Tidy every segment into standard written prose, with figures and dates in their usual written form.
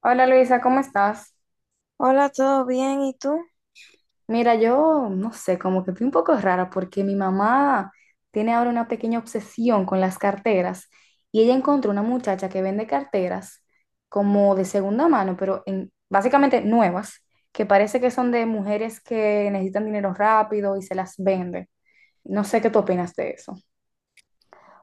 Hola Luisa, ¿cómo estás? Hola, ¿todo bien? ¿Y tú? Mira, yo no sé, como que estoy un poco rara porque mi mamá tiene ahora una pequeña obsesión con las carteras y ella encontró una muchacha que vende carteras como de segunda mano, pero básicamente nuevas, que parece que son de mujeres que necesitan dinero rápido y se las vende. No sé qué tú opinas de eso.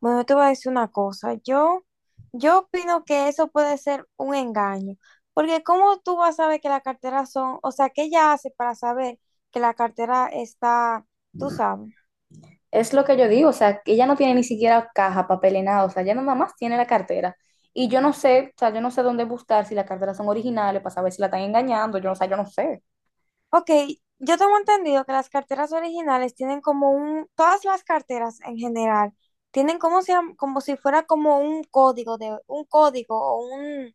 Bueno, yo te voy a decir una cosa. Yo opino que eso puede ser un engaño, porque ¿cómo tú vas a saber que la cartera son, o sea, qué ella hace para saber que la cartera está, tú sabes? Es lo que yo digo, o sea, que ella no tiene ni siquiera caja, papel ni nada, o sea, ella nada más tiene la cartera. Y yo no sé, o sea, yo no sé dónde buscar si las carteras son originales para saber si la están engañando, yo no, o sea, yo no sé. Ok, yo tengo entendido que las carteras originales tienen como un, todas las carteras en general, tienen como si fuera como un código de, un código o un,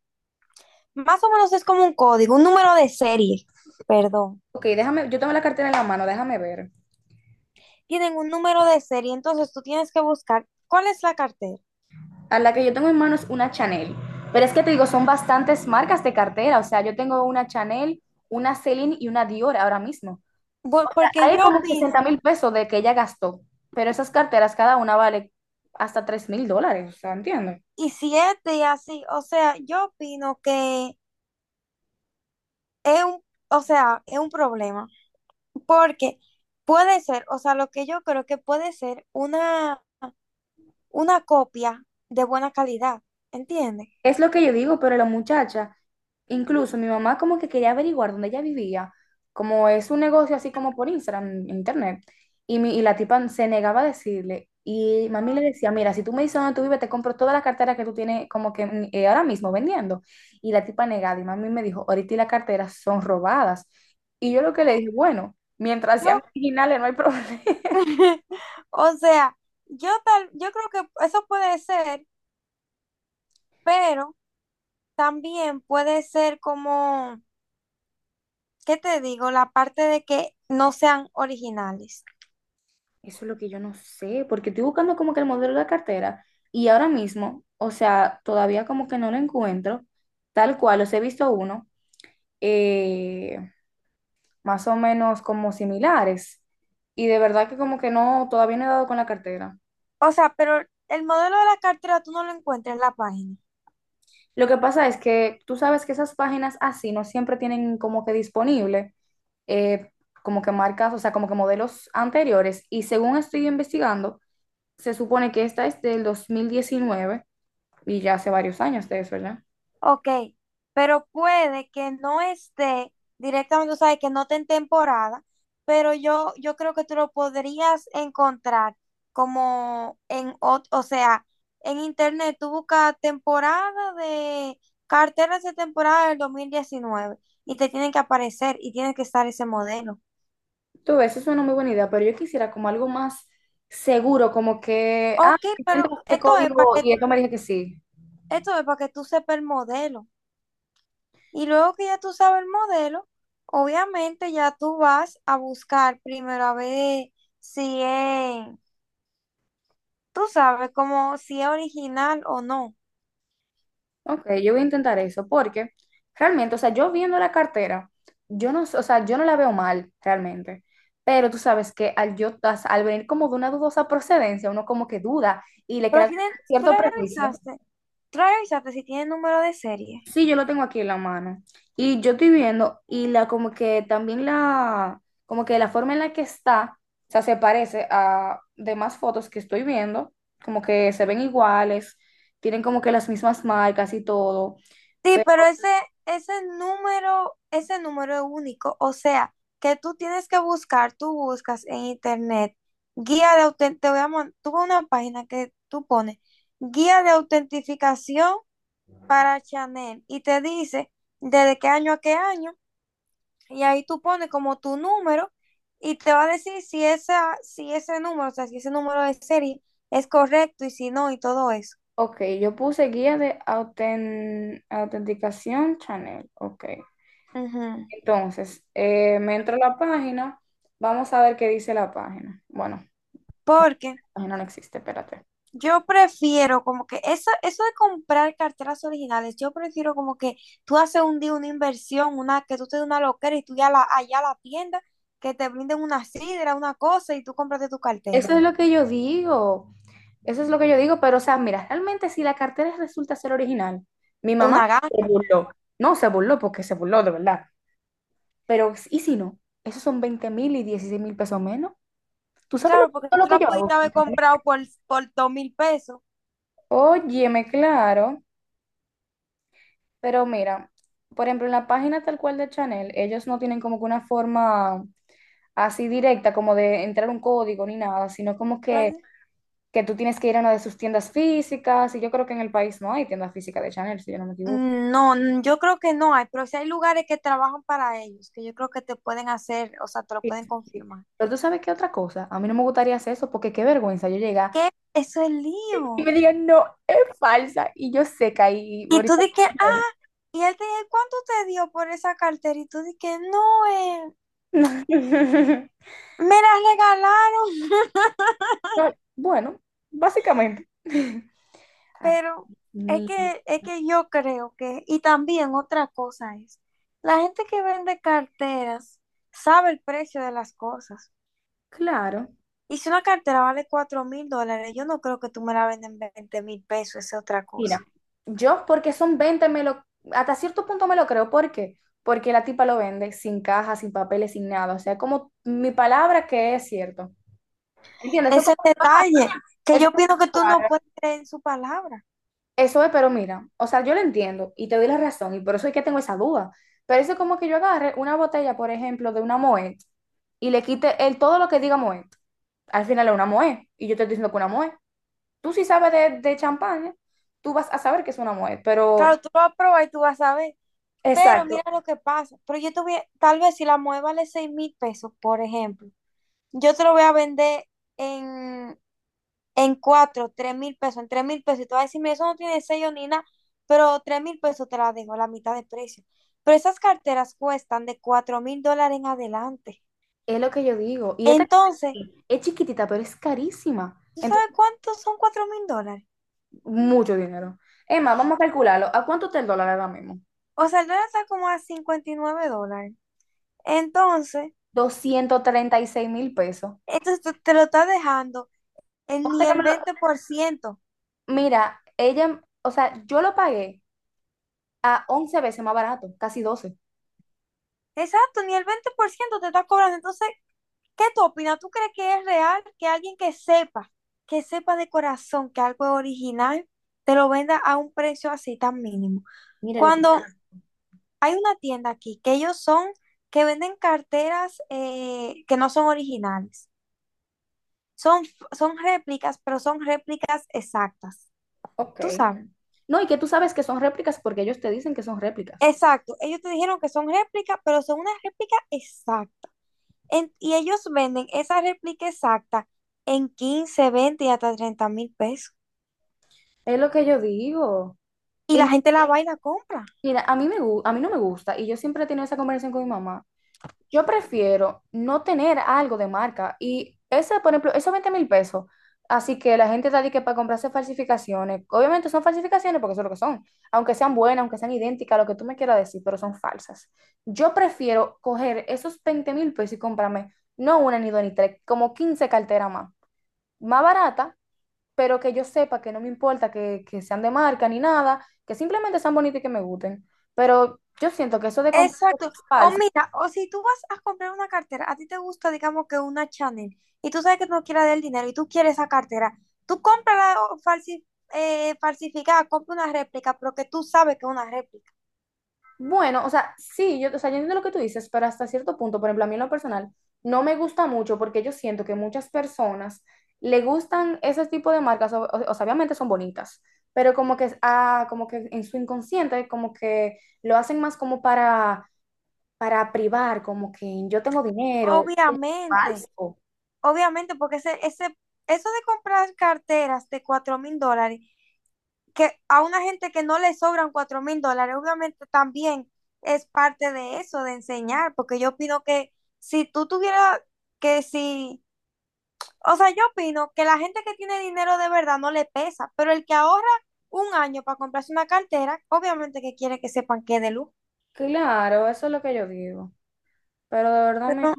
más o menos es como un código, un número de serie, perdón. Ok, déjame, yo tengo la cartera en la mano, déjame ver. Tienen un número de serie, entonces tú tienes que buscar cuál es la cartera. A la que yo tengo en mano es una Chanel, pero es que te digo, son bastantes marcas de cartera, o sea, yo tengo una Chanel, una Celine y una Dior ahora mismo. Porque Hay yo como opino, 60 mil pesos de que ella gastó, pero esas carteras cada una vale hasta 3 mil dólares, o sea, entiendo. y si es de así, o sea, yo opino que es un, o sea, es un problema, porque puede ser, o sea, lo que yo creo que puede ser una copia de buena calidad, ¿entiendes? Es lo que yo digo, pero la muchacha, incluso mi mamá como que quería averiguar dónde ella vivía, como es un negocio así como por Instagram, en internet, y la tipa se negaba a decirle, y mami le decía, mira, si tú me dices dónde tú vives, te compro toda la cartera que tú tienes como que ahora mismo vendiendo. Y la tipa negada, y mami me dijo, ahorita y la cartera son robadas. Y yo lo que le dije, bueno, mientras sean Yo, originales no hay problema. o sea, yo tal, yo creo que eso puede ser, pero también puede ser como... ¿Qué te digo? La parte de que no sean originales. Eso es lo que yo no sé, porque estoy buscando como que el modelo de la cartera y ahora mismo, o sea, todavía como que no lo encuentro, tal cual, los he visto uno, eh, más o menos como similares, y de verdad que como que no, todavía no he dado con la cartera. O sea, pero el modelo de la cartera tú no lo encuentras en la página. Lo que pasa es que tú sabes que esas páginas así no siempre tienen como que disponible, eh, como que marcas, o sea, como que modelos anteriores, y según estoy investigando, se supone que esta es del 2019 y ya hace varios años de eso, ¿verdad? Ok, pero puede que no esté directamente, o sea, que no esté en temporada, pero yo creo que tú lo podrías encontrar como en, o sea, en internet tú buscas temporada de carteras de temporada del 2019 y te tienen que aparecer y tiene que estar ese modelo. Tú ves, eso es una muy buena idea, pero yo quisiera como algo más seguro, como que, Ok, si pero encuentro este esto es para código y que, esto me dije que sí. esto es para que tú sepas el modelo. Y luego que ya tú sabes el modelo, obviamente ya tú vas a buscar primero a ver si es, tú sabes, como si es original o no. Ok, yo voy a intentar eso, porque realmente, o sea, yo viendo la cartera, yo no, o sea, yo no la veo mal realmente, pero tú sabes que al yo, al venir como de una dudosa procedencia, uno como que duda y le Pero crea tienen, tú cierto la prejuicio. revisaste, tú la revisaste si tiene número de serie. Sí, yo lo tengo aquí en la mano. Y yo estoy viendo, y la como que también la, como que la forma en la que está, o sea, se parece a demás fotos que estoy viendo, como que se ven iguales, tienen como que las mismas marcas y todo. Sí, Pero, pero ese, ese ese número es único. O sea, que tú tienes que buscar, tú buscas en internet guía de te voy a tuve una página que tú pones guía de autentificación para Chanel y te dice desde qué año a qué año y ahí tú pones como tu número y te va a decir si esa, si ese número, o sea, si ese número de serie es correcto y si no y todo eso. ok, yo puse guía de autenticación Chanel, ok. Ujú. Entonces, me entro a la página, vamos a ver qué dice la página. Bueno, la Porque página no existe, espérate. yo prefiero como que eso de comprar carteras originales, yo prefiero como que tú haces un día una inversión, una, que tú te des una loquera y tú ya la, allá a la tienda, que te brinden una sidra, una cosa y tú compraste tu cartera, Eso es lo que yo digo. Eso es lo que yo digo, pero o sea, mira, realmente si la cartera resulta ser original, mi mamá una se ganga. burló. No se burló porque se burló de verdad, pero ¿y si no? Esos son 20 mil y 16 mil pesos menos. ¿Tú sabes Claro, porque todo lo tú que la yo hago? pudiste haber comprado por 2,000 pesos. Óyeme, claro, pero mira, por ejemplo, en la página tal cual de Chanel, ellos no tienen como que una forma así directa, como de entrar un código ni nada, sino como que, Pero... que tú tienes que ir a una de sus tiendas físicas, y yo creo que en el país no hay tiendas físicas de Chanel, si yo no me equivoco. No, yo creo que no hay, pero si hay lugares que trabajan para ellos, que yo creo que te pueden hacer, o sea, te lo Sí, pueden sí, sí. confirmar. Pero tú sabes qué otra cosa, a mí no me gustaría hacer eso porque qué vergüenza yo llegar ¿Qué? Eso es y lío. me digan, no, es falsa y yo seca y Y tú ahorita... dices, que, y él te dice, ¿cuánto te dio por esa cartera? Y tú dices, no, me la regalaron. No, bueno, básicamente. Ah, Pero mi- es que yo creo que, y también otra cosa es, la gente que vende carteras sabe el precio de las cosas. claro. Y si una cartera vale 4,000 dólares, yo no creo que tú me la vendas en 20 mil pesos, esa es otra Mira, cosa. yo porque son 20 hasta cierto punto me lo creo, ¿por qué? Porque la tipa lo vende sin caja, sin papeles, sin nada, o sea, como mi palabra que es cierto. ¿Entiendes? Eso Ese como, detalle, que eso yo pienso que tú no puedes creer en su palabra. Eso es, pero mira, o sea, yo lo entiendo y te doy la razón y por eso es que tengo esa duda. Pero eso es como que yo agarre una botella, por ejemplo, de una Moet y le quite todo lo que diga Moet. Al final es una Moet y yo te estoy diciendo que una Moet. Tú si sabes de champán, tú vas a saber que es una Moet, pero Claro, tú lo vas a probar y tú vas a ver. Pero exacto, mira lo que pasa. Pero yo te voy a... tal vez si la mueve vale 6,000 pesos, por ejemplo, yo te lo voy a vender en, en 4,000 3,000 pesos, en 3,000 pesos. Y tú vas a decirme eso no tiene sello ni nada, pero 3,000 pesos te la dejo, la mitad de precio. Pero esas carteras cuestan de 4,000 dólares en adelante. es lo que yo digo. Y esta Entonces, es chiquitita, pero es carísima. ¿tú sabes Entonces, cuántos son 4,000 dólares? mucho dinero. Es más, vamos a calcularlo. ¿A cuánto está el dólar ahora mismo? O sea, el dólar está como a 59 dólares. Entonces, 236 mil pesos. esto te lo está dejando en ni Ponte que el me lo- 20%. Mira, ella, o sea, yo lo pagué a 11 veces más barato, casi 12. Exacto, ni el 20% te está cobrando. Entonces, ¿qué tú opinas? ¿Tú crees que es real que alguien que sepa de corazón que algo es original, te lo venda a un precio así tan mínimo? Mire lo que... Cuando hay una tienda aquí que ellos son, que venden carteras que no son originales, son, son réplicas, pero son réplicas exactas. Ok, ¿Tú sabes? no, y que tú sabes que son réplicas porque ellos te dicen que son réplicas. Exacto, ellos te dijeron que son réplicas, pero son una réplica exacta. Y ellos venden esa réplica exacta en 15, 20, y hasta 30,000 pesos. Es lo que yo digo. Y Y la gente la va y la compra. mira, a mí no me gusta y yo siempre he tenido esa conversación con mi mamá. Yo prefiero no tener algo de marca y ese, por ejemplo, esos 20 mil pesos, así que la gente está de que para comprarse falsificaciones, obviamente son falsificaciones porque eso es lo que son, aunque sean buenas, aunque sean idénticas, lo que tú me quieras decir, pero son falsas. Yo prefiero coger esos 20 mil pesos y comprarme no una ni dos ni tres, como 15 carteras más, más barata, pero que yo sepa que no me importa que sean de marca ni nada, que simplemente sean bonitas y que me gusten. Pero yo siento que eso de comprar Exacto. cosas O mira, o si tú vas a comprar una cartera, a ti te gusta, digamos que una Chanel, y tú sabes que tú no quieres dar el dinero y tú quieres esa cartera, tú cómprala o falsificada, compra una réplica, pero que tú sabes que es una réplica. Bueno, o sea, sí, yo, o sea, yo entiendo lo que tú dices, pero hasta cierto punto, por ejemplo, a mí en lo personal, no me gusta mucho porque yo siento que muchas personas le gustan ese tipo de marcas, o sea, obviamente son bonitas, pero como que, como que en su inconsciente, como que lo hacen más como para privar, como que yo tengo dinero, y es Obviamente, falso. obviamente, porque ese, eso de comprar carteras de 4,000 dólares que a una gente que no le sobran 4,000 dólares, obviamente también es parte de eso, de enseñar, porque yo opino que si tú tuvieras que si, o sea, yo opino que la gente que tiene dinero de verdad no le pesa, pero el que ahorra un año para comprarse una cartera, obviamente que quiere que sepan que es de lujo. Claro, eso es lo que yo digo. Pero de verdad, Pero,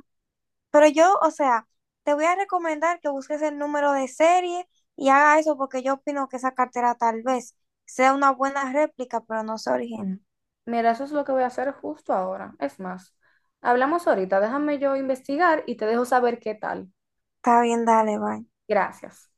pero yo, o sea, te voy a recomendar que busques el número de serie y haga eso porque yo opino que esa cartera tal vez sea una buena réplica, pero no sea original. mira, eso es lo que voy a hacer justo ahora. Es más, hablamos ahorita, déjame yo investigar y te dejo saber qué tal. Está bien, dale, bye. Gracias.